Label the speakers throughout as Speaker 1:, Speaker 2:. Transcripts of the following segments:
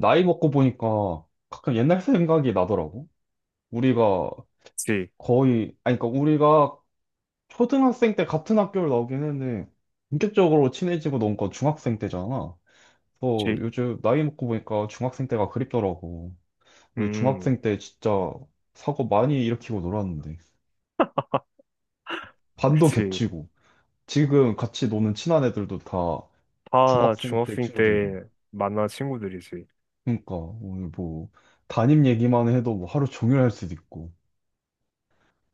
Speaker 1: 나이 먹고 보니까 가끔 옛날 생각이 나더라고. 우리가
Speaker 2: 그치,
Speaker 1: 아니, 그러니까 우리가 초등학생 때 같은 학교를 나오긴 했는데, 본격적으로 친해지고 논 건 중학생 때잖아. 그래서
Speaker 2: 그치.
Speaker 1: 요즘 나이 먹고 보니까 중학생 때가 그립더라고. 우리
Speaker 2: 음,
Speaker 1: 중학생 때 진짜 사고 많이 일으키고 놀았는데. 반도
Speaker 2: 그치.
Speaker 1: 겹치고. 지금 같이 노는 친한 애들도 다
Speaker 2: 다
Speaker 1: 중학생 때
Speaker 2: 중학생
Speaker 1: 친구들이고.
Speaker 2: 때 만난 친구들이지.
Speaker 1: 그러니까 오늘 뭐 담임 얘기만 해도 뭐 하루 종일 할 수도 있고.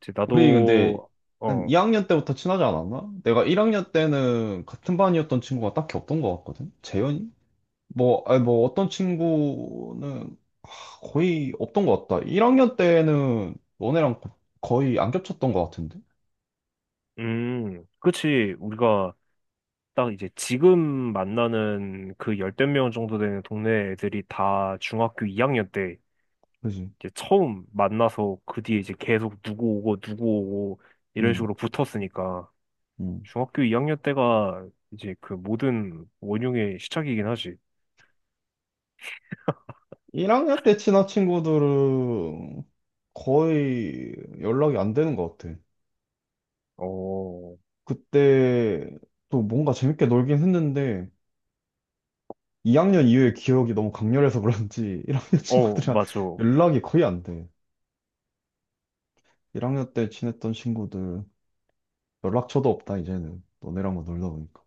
Speaker 2: 그치,
Speaker 1: 우리 근데
Speaker 2: 나도,
Speaker 1: 한
Speaker 2: 어,
Speaker 1: 2학년 때부터 친하지 않았나? 내가 1학년 때는 같은 반이었던 친구가 딱히 없던 것 같거든? 재현이? 뭐, 아니 뭐 어떤 친구는 거의 없던 것 같다. 1학년 때는 너네랑 거의 안 겹쳤던 것 같은데?
Speaker 2: 그치. 우리가 딱 이제 지금 만나는 그 열댓 명 정도 되는 동네 애들이 다 중학교 2학년 때
Speaker 1: 그지?
Speaker 2: 이제 처음 만나서 그 뒤에 이제 계속 누구 오고 누구 오고 이런
Speaker 1: 응,
Speaker 2: 식으로 붙었으니까
Speaker 1: 응.
Speaker 2: 중학교 2학년 때가 이제 그 모든 원흉의 시작이긴 하지.
Speaker 1: 1학년 때 친한 친구들은 거의 연락이 안 되는 것 같아.
Speaker 2: 어,
Speaker 1: 그때 또 뭔가 재밌게 놀긴 했는데 2학년 이후의 기억이 너무 강렬해서 그런지 1학년
Speaker 2: 어,
Speaker 1: 친구들이랑
Speaker 2: 맞아.
Speaker 1: 연락이 거의 안 돼. 1학년 때 친했던 친구들 연락처도 없다 이제는 너네랑 만 놀다 보니까.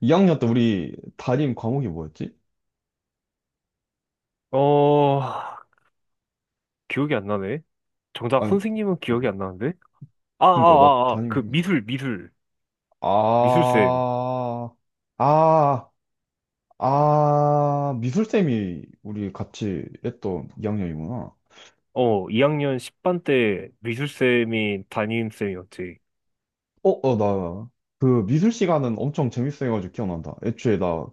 Speaker 1: 2학년 때 우리 담임 과목이 뭐였지?
Speaker 2: 어, 기억이 안 나네.
Speaker 1: 아,
Speaker 2: 정작 선생님은
Speaker 1: 어,
Speaker 2: 기억이 안 나는데? 아, 아,
Speaker 1: 그러니까 나
Speaker 2: 아, 아, 그
Speaker 1: 담임
Speaker 2: 미술쌤.
Speaker 1: 아, 아, 아 미술쌤이 우리 같이 했던 2학년이구나.
Speaker 2: 어, 2학년 10반 때 미술쌤이 담임쌤이었지.
Speaker 1: 어, 어, 나, 그 미술 시간은 엄청 재밌어가지고 기억난다. 애초에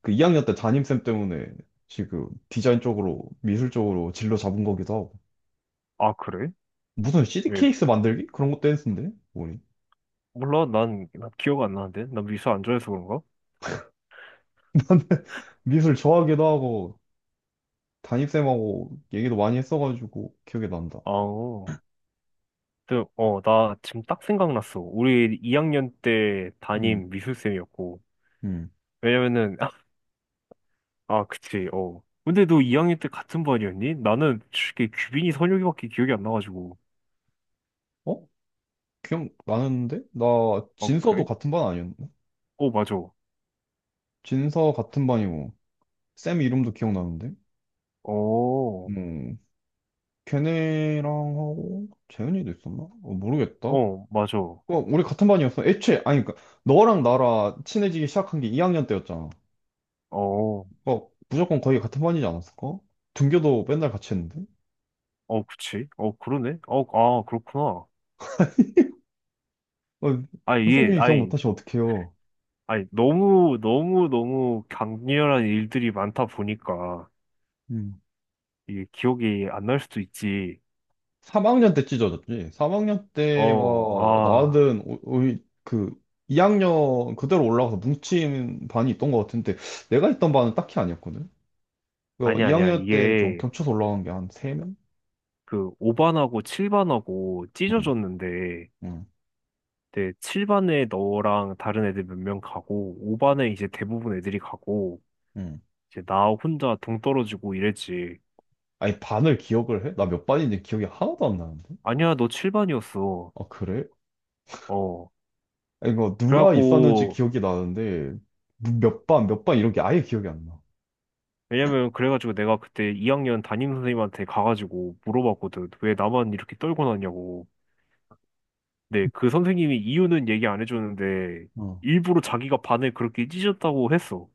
Speaker 1: 그 2학년 때 담임쌤 때문에 지금 디자인 쪽으로, 미술 쪽으로 진로 잡은 거기도 하고.
Speaker 2: 아, 그래?
Speaker 1: 무슨 CD
Speaker 2: 왜?
Speaker 1: 케이스 만들기? 그런 것도 했는데? 뭐니?
Speaker 2: 몰라, 난 기억 안 나는데? 난 미술 안 좋아해서 그런가?
Speaker 1: 미술 좋아하기도 하고, 담임쌤하고 얘기도 많이 했어가지고 기억이 난다.
Speaker 2: 아, 어, 근데, 어, 나 지금 딱 생각났어. 우리 2학년 때
Speaker 1: 음,
Speaker 2: 담임 미술쌤이었고.
Speaker 1: 음.
Speaker 2: 왜냐면은, 아, 그치, 어. 근데 너 2학년 때 같은 반이었니? 나는 솔직히 규빈이 선혁이밖에 기억이 안 나가지고.
Speaker 1: 어? 기억나는데? 나
Speaker 2: 어,
Speaker 1: 진서도
Speaker 2: 그래?
Speaker 1: 같은 반 아니었나?
Speaker 2: 오, 맞아.
Speaker 1: 진서 같은 반이고, 쌤 이름도 기억나는데?
Speaker 2: 어,
Speaker 1: 걔네랑 하고 재현이도 있었나? 어, 모르겠다. 어,
Speaker 2: 어, 맞아. 어,
Speaker 1: 우리 같은 반이었어. 애초에 아니 그러니까 너랑 나랑 친해지기 시작한 게 2학년 때였잖아.
Speaker 2: 어,
Speaker 1: 어, 무조건 거의 같은 반이지 않았을까? 등교도 맨날 같이 했는데.
Speaker 2: 그치. 어, 그러네. 어, 아, 그렇구나.
Speaker 1: 어,
Speaker 2: 아, 이게,
Speaker 1: 선생님이 기억
Speaker 2: 아니,
Speaker 1: 못하시면 어떡해요.
Speaker 2: 아니, 너무, 너무, 너무 강렬한 일들이 많다 보니까,
Speaker 1: 음.
Speaker 2: 이게 기억이 안 날 수도 있지.
Speaker 1: 3학년 때 찢어졌지. 3학년
Speaker 2: 어,
Speaker 1: 때가
Speaker 2: 아,
Speaker 1: 우리 그 2학년 그대로 올라가서 뭉친 반이 있던 것 같은데 내가 있던 반은 딱히 아니었거든. 그
Speaker 2: 아니야, 아니야.
Speaker 1: 2학년 때 좀
Speaker 2: 이게,
Speaker 1: 겹쳐서 올라간 게 한 3명?
Speaker 2: 그, 5반하고 7반하고
Speaker 1: 응,
Speaker 2: 찢어졌는데,
Speaker 1: 응.
Speaker 2: 네, 7반에 너랑 다른 애들 몇 명 가고, 5반에 이제 대부분 애들이 가고,
Speaker 1: 음.
Speaker 2: 이제 나 혼자 동떨어지고 이랬지.
Speaker 1: 아니, 반을 기억을 해? 나 몇 반인지 기억이 하나도 안 나는데?
Speaker 2: 아니야, 너 7반이었어.
Speaker 1: 아, 그래?
Speaker 2: 어.
Speaker 1: 아니, 이 누가 있었는지
Speaker 2: 그래갖고,
Speaker 1: 기억이 나는데, 몇 반, 몇 반 이런 게 아예 기억이 안 나.
Speaker 2: 왜냐면, 그래가지고 내가 그때 2학년 담임선생님한테 가가지고 물어봤거든. 왜 나만 이렇게 떨고 났냐고. 근데 그 선생님이 이유는 얘기 안 해줬는데,
Speaker 1: 어.
Speaker 2: 일부러 자기가 반을 그렇게 찢었다고 했어.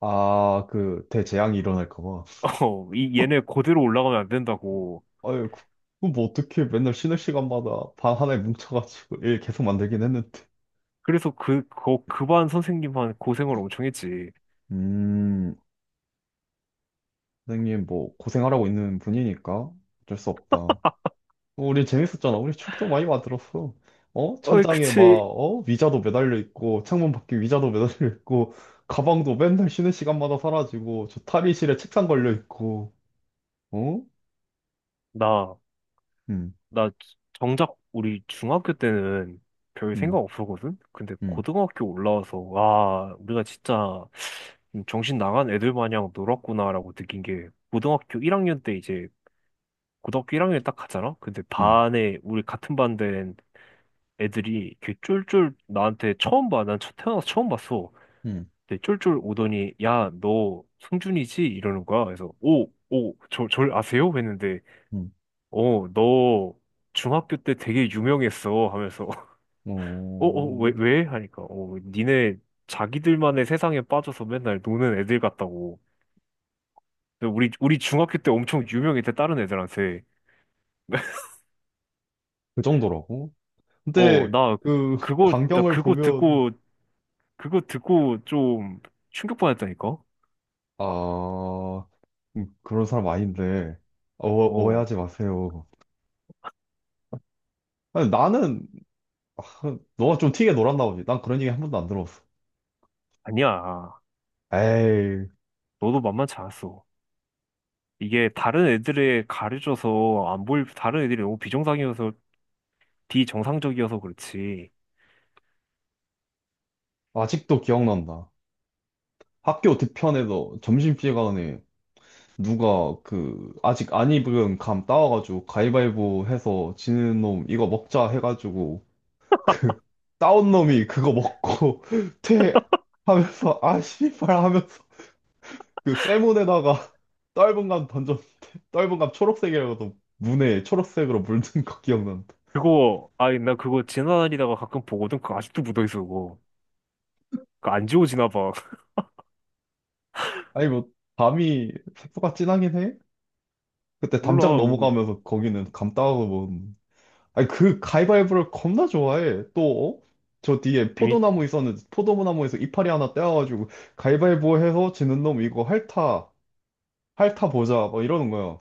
Speaker 1: 아, 그, 대재앙이 일어날까 봐.
Speaker 2: 어, 이, 얘네 그대로 올라가면 안 된다고.
Speaker 1: 아유, 그거 뭐 어떻게 맨날 쉬는 시간마다 반 하나에 뭉쳐가지고 일 계속 만들긴 했는데.
Speaker 2: 그래서 그 반 선생님한 고생을 엄청 했지.
Speaker 1: 음, 선생님 뭐 고생하라고 있는 분이니까 어쩔 수 없다. 어, 우리 재밌었잖아. 우리 추억도 많이 만들었어. 어?
Speaker 2: 어이,
Speaker 1: 천장에 막,
Speaker 2: 그치.
Speaker 1: 어? 의자도 매달려 있고, 창문 밖에 의자도 매달려 있고, 가방도 맨날 쉬는 시간마다 사라지고, 저 탈의실에 책상 걸려 있고, 어?
Speaker 2: 나.
Speaker 1: 음,
Speaker 2: 나 정작 우리 중학교 때는 별 생각
Speaker 1: 음,
Speaker 2: 없었거든? 근데
Speaker 1: 음,
Speaker 2: 고등학교 올라와서, 와, 우리가 진짜 좀 정신 나간 애들 마냥 놀았구나라고 느낀 게, 고등학교 1학년 때 이제, 고등학교 1학년에 딱 가잖아? 근데
Speaker 1: 음,
Speaker 2: 반에, 우리 같은 반 된 애들이 이렇게 쫄쫄 나한테 처음 봐. 난 태어나서 처음 봤어.
Speaker 1: 음,
Speaker 2: 근데 쫄쫄 오더니, 야, 너 성준이지? 이러는 거야. 그래서, 오, 오, 절 아세요? 했는데,
Speaker 1: 음.
Speaker 2: 어, 너 중학교 때 되게 유명했어 하면서 어, 어, 왜,
Speaker 1: 어,
Speaker 2: 왜? 하니까 어, 니네 자기들만의 세상에 빠져서 맨날 노는 애들 같다고. 근데 우리 중학교 때 엄청 유명했대 다른 애들한테.
Speaker 1: 그 정도라고?
Speaker 2: 어,
Speaker 1: 근데,
Speaker 2: 나
Speaker 1: 그,
Speaker 2: 그거 나
Speaker 1: 광경을
Speaker 2: 그거
Speaker 1: 보면,
Speaker 2: 듣고 그거 듣고 좀 충격 받았다니까.
Speaker 1: 아, 그런 사람 아닌데, 어,
Speaker 2: 어,
Speaker 1: 오해하지 마세요. 아니, 너가 좀 튀게 놀았나 보지. 난 그런 얘기 한 번도 안 들었어.
Speaker 2: 아니야.
Speaker 1: 에이.
Speaker 2: 너도 만만치 않았어. 이게 다른 애들에 가려져서 안 보일 다른 애들이 너무 비정상이어서 비정상적이어서 그렇지.
Speaker 1: 아직도 기억난다. 학교 뒤편에서 점심시간에 누가 그 아직 안 입은 감 따와가지고 가위바위보 해서 지는 놈 이거 먹자 해가지고 그 따온 놈이 그거 먹고 퇴 하면서 아 씨발 하면서 그 쇠문에다가 떫은 감 던져 떫은 감 초록색이라고도 문에 초록색으로 물든 거 기억난다.
Speaker 2: 그거, 아니, 나 그거 지나다니다가 가끔 보거든? 그거 아직도 묻어있어, 그거. 그거 안 지워지나 봐.
Speaker 1: 아니 뭐 감이 색소가 진하긴 해? 그때 담장
Speaker 2: 몰라, 그거.
Speaker 1: 넘어가면서 거기는 감 따와서 아니, 그 가위바위보를 겁나 좋아해. 또, 어? 저 뒤에
Speaker 2: 재밌,
Speaker 1: 포도나무 있었는데, 포도나무에서 이파리 하나 떼어가지고, 가위바위보 해서 지는 놈 이거 핥아, 핥아 보자, 뭐 이러는 거야.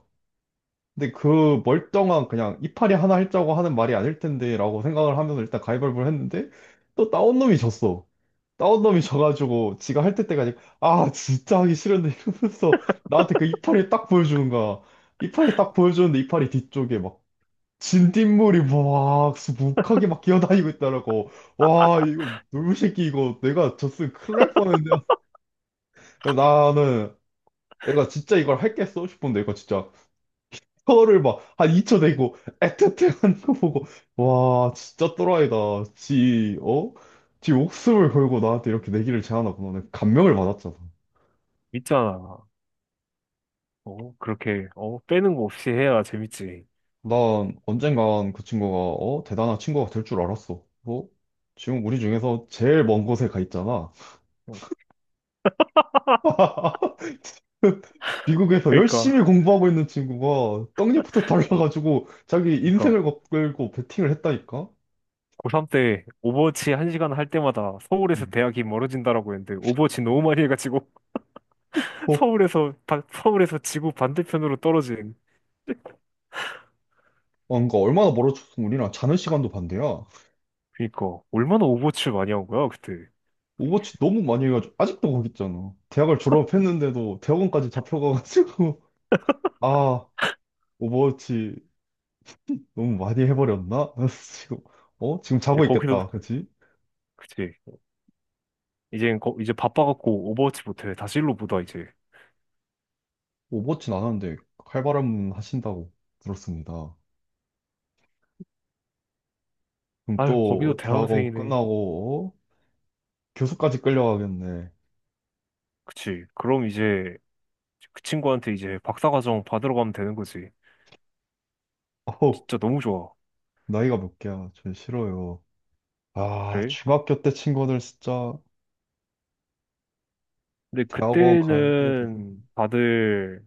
Speaker 1: 근데 그 멀쩡한 그냥 이파리 하나 핥자고 하는 말이 아닐 텐데, 라고 생각을 하면서 일단 가위바위보를 했는데, 또 따온 놈이 졌어. 따온 놈이 져가지고, 지가 핥을 때까지, 아, 진짜 하기 싫은데 이러면서 나한테 그 이파리 딱 보여주는 거야. 이파리 딱 보여주는데, 이파리 뒤쪽에 막 진딧물이 막 수북하게 막 기어다니고 있더라고. 와, 이거 놀부 새끼 이거 내가 졌으면 큰일 날 뻔했는데. 나는 내가 진짜 이걸 했겠어 싶은데 이거 진짜 혀를 막 한 2초 내고 애틋해 하는 거 보고 와, 진짜 또라이다. 지, 어? 지 목숨을 걸고 나한테 이렇게 내기를 제안하구나. 내가 감명을 받았잖아.
Speaker 2: 재밌잖아. 어, 그렇게, 어, 빼는 거 없이 해야 재밌지.
Speaker 1: 난 언젠간 그 친구가 어? 대단한 친구가 될 줄 알았어. 어? 지금 우리 중에서 제일 먼 곳에 가 있잖아.
Speaker 2: 어,
Speaker 1: 미국에서
Speaker 2: 그러니까,
Speaker 1: 열심히 공부하고 있는 친구가 떡잎부터 달라가지고 자기
Speaker 2: 그러니까,
Speaker 1: 인생을 걸고 베팅을 했다니까?
Speaker 2: 고3 때 오버워치 한시간할 때마다 서울에서
Speaker 1: 음.
Speaker 2: 대학이 멀어진다라고 했는데, 오버워치 너무 많이 해가지고,
Speaker 1: 어,
Speaker 2: 서울에서 지구 반대편으로 떨어진.
Speaker 1: 뭔가 얼마나 멀어졌으면 우리랑 자는 시간도 반대야.
Speaker 2: 그니까, 얼마나 오버워치를 많이 한 거야, 그때.
Speaker 1: 오버워치 너무 많이 해가지고 아직도 거기 있잖아. 대학을 졸업했는데도 대학원까지 잡혀가가지고 아 오버워치 너무 많이 해버렸나? 지금 지금
Speaker 2: 이제
Speaker 1: 자고
Speaker 2: 거기서,
Speaker 1: 있겠다, 그치?
Speaker 2: 그치. 이제 바빠갖고 오버워치 못해. 다시 일로 보다 이제.
Speaker 1: 오버워치 안 하는데 칼바람 하신다고 들었습니다. 그럼
Speaker 2: 아유 거기도
Speaker 1: 또 대학원
Speaker 2: 대학원생이네.
Speaker 1: 끝나고 교수까지 끌려가겠네.
Speaker 2: 그치. 그럼 이제 그 친구한테 이제 박사과정 받으러 가면 되는 거지.
Speaker 1: 어우,
Speaker 2: 진짜 너무 좋아.
Speaker 1: 나이가 몇 개야. 전 싫어요. 아,
Speaker 2: 그래?
Speaker 1: 중학교 때 친구들 진짜
Speaker 2: 근데
Speaker 1: 대학원 갈 때가 돼서.
Speaker 2: 그때는 다들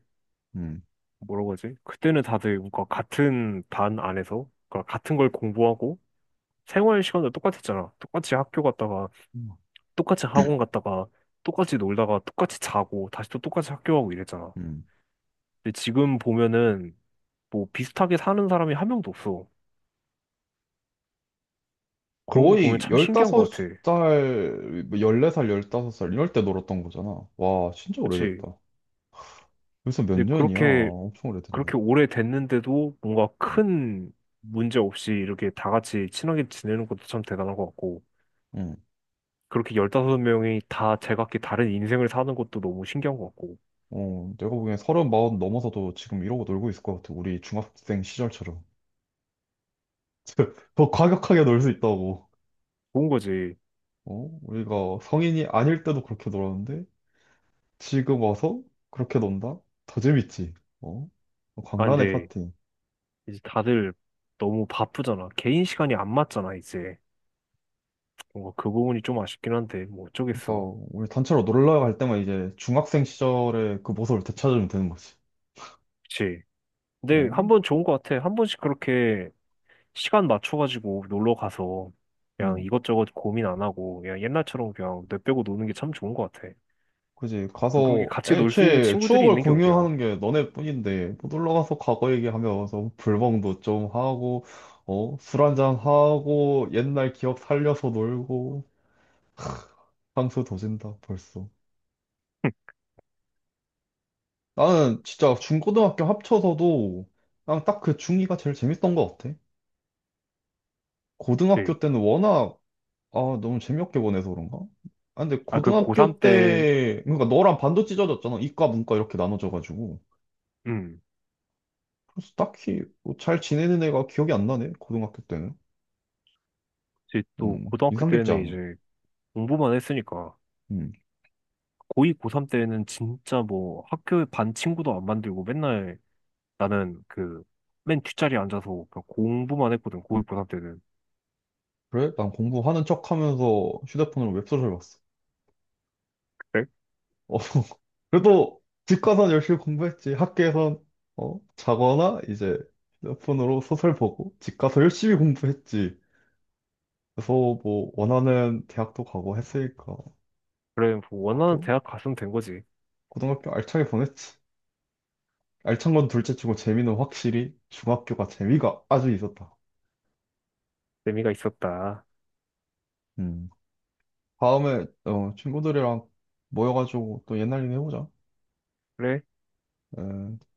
Speaker 1: 음.
Speaker 2: 뭐라고 하지? 그때는 다들 뭔가 같은 반 안에서 그러니까 같은 걸 공부하고 생활 시간도 똑같았잖아. 똑같이 학교 갔다가 똑같이 학원 갔다가 똑같이 놀다가 똑같이 자고 다시 또 똑같이 학교 가고 이랬잖아.
Speaker 1: 음.
Speaker 2: 근데 지금 보면은 뭐 비슷하게 사는 사람이 한 명도 없어. 그런 거 보면
Speaker 1: 거의
Speaker 2: 참 신기한 것 같아.
Speaker 1: 15살, 14살, 15살 이럴 때 놀았던 거잖아. 와, 진짜
Speaker 2: 그치?
Speaker 1: 오래됐다. 벌써 몇
Speaker 2: 근데
Speaker 1: 년이야.
Speaker 2: 그렇게,
Speaker 1: 엄청 오래됐네.
Speaker 2: 그렇게 오래 됐는데도 뭔가
Speaker 1: 음.
Speaker 2: 큰 문제 없이 이렇게 다 같이 친하게 지내는 것도 참 대단한 것 같고,
Speaker 1: 음.
Speaker 2: 그렇게 15명이 다 제각기 다른 인생을 사는 것도 너무 신기한 것 같고,
Speaker 1: 어, 내가 보기엔 30, 40 넘어서도 지금 이러고 놀고 있을 것 같아. 우리 중학생 시절처럼. 더 과격하게 놀 수 있다고.
Speaker 2: 좋은 거지.
Speaker 1: 어? 우리가 성인이 아닐 때도 그렇게 놀았는데 지금 와서 그렇게 논다? 더 재밌지. 어?
Speaker 2: 아,
Speaker 1: 광란의
Speaker 2: 근데
Speaker 1: 파티.
Speaker 2: 이제 다들 너무 바쁘잖아. 개인 시간이 안 맞잖아, 이제. 뭔가 그 부분이 좀 아쉽긴 한데, 뭐 어쩌겠어.
Speaker 1: 그러니까 우리 단체로 놀러 갈 때만 이제 중학생 시절의 그 모습을 되찾으면 되는 거지.
Speaker 2: 그치? 근데 한
Speaker 1: 어?
Speaker 2: 번 좋은 것 같아. 한 번씩 그렇게 시간 맞춰가지고 놀러 가서 그냥
Speaker 1: 음.
Speaker 2: 이것저것 고민 안 하고 그냥 옛날처럼 그냥 내빼고 노는 게 참 좋은 것 같아.
Speaker 1: 그지.
Speaker 2: 또 그렇게
Speaker 1: 가서
Speaker 2: 같이 놀 수 있는
Speaker 1: 애초에
Speaker 2: 친구들이
Speaker 1: 추억을
Speaker 2: 있는 게 어디야.
Speaker 1: 공유하는 게 너네뿐인데 뭐 놀러 가서 과거 얘기하면서 불멍도 좀 하고 어? 술 한잔 하고 옛날 기억 살려서 놀고 향수 도진다 벌써. 나는 진짜 중고등학교 합쳐서도 난 딱 그 중이가 제일 재밌던 것 같아.
Speaker 2: 네.
Speaker 1: 고등학교 때는 워낙 아 너무 재미없게 보내서 그런가? 아 근데
Speaker 2: 아, 그 고3
Speaker 1: 고등학교
Speaker 2: 때,
Speaker 1: 때 그러니까 너랑 반도 찢어졌잖아. 이과 문과 이렇게 나눠져가지고
Speaker 2: 음,
Speaker 1: 그래서 딱히 뭐잘 지내는 애가 기억이 안 나네. 고등학교 때는
Speaker 2: 이제 또 고등학교
Speaker 1: 인상 깊지
Speaker 2: 때는
Speaker 1: 않아.
Speaker 2: 이제 공부만 했으니까
Speaker 1: 음
Speaker 2: 고2, 고3 때는 진짜 뭐 학교 반 친구도 안 만들고 맨날 나는 그 맨 뒷자리에 앉아서 그냥 공부만 했거든, 고2, 고3 때는.
Speaker 1: 그래 난 공부하는 척하면서 휴대폰으로 웹소설 봤어.
Speaker 2: 그래?
Speaker 1: 어. 그래도 집 가서 열심히 공부했지. 학교에선 어 자거나 이제 휴대폰으로 소설 보고 집 가서 열심히 공부했지. 그래서 뭐 원하는 대학도 가고 했으니까.
Speaker 2: 그래, 뭐 원하는
Speaker 1: 학교?
Speaker 2: 대학 갔으면 된 거지.
Speaker 1: 고등학교 알차게 보냈지. 알찬 건 둘째 치고 재미는 확실히 중학교가 재미가 아주 있었다.
Speaker 2: 재미가 있었다.
Speaker 1: 음. 다음에 어, 친구들이랑 모여가지고 또 옛날 얘기 해보자.
Speaker 2: 그래?
Speaker 1: 에.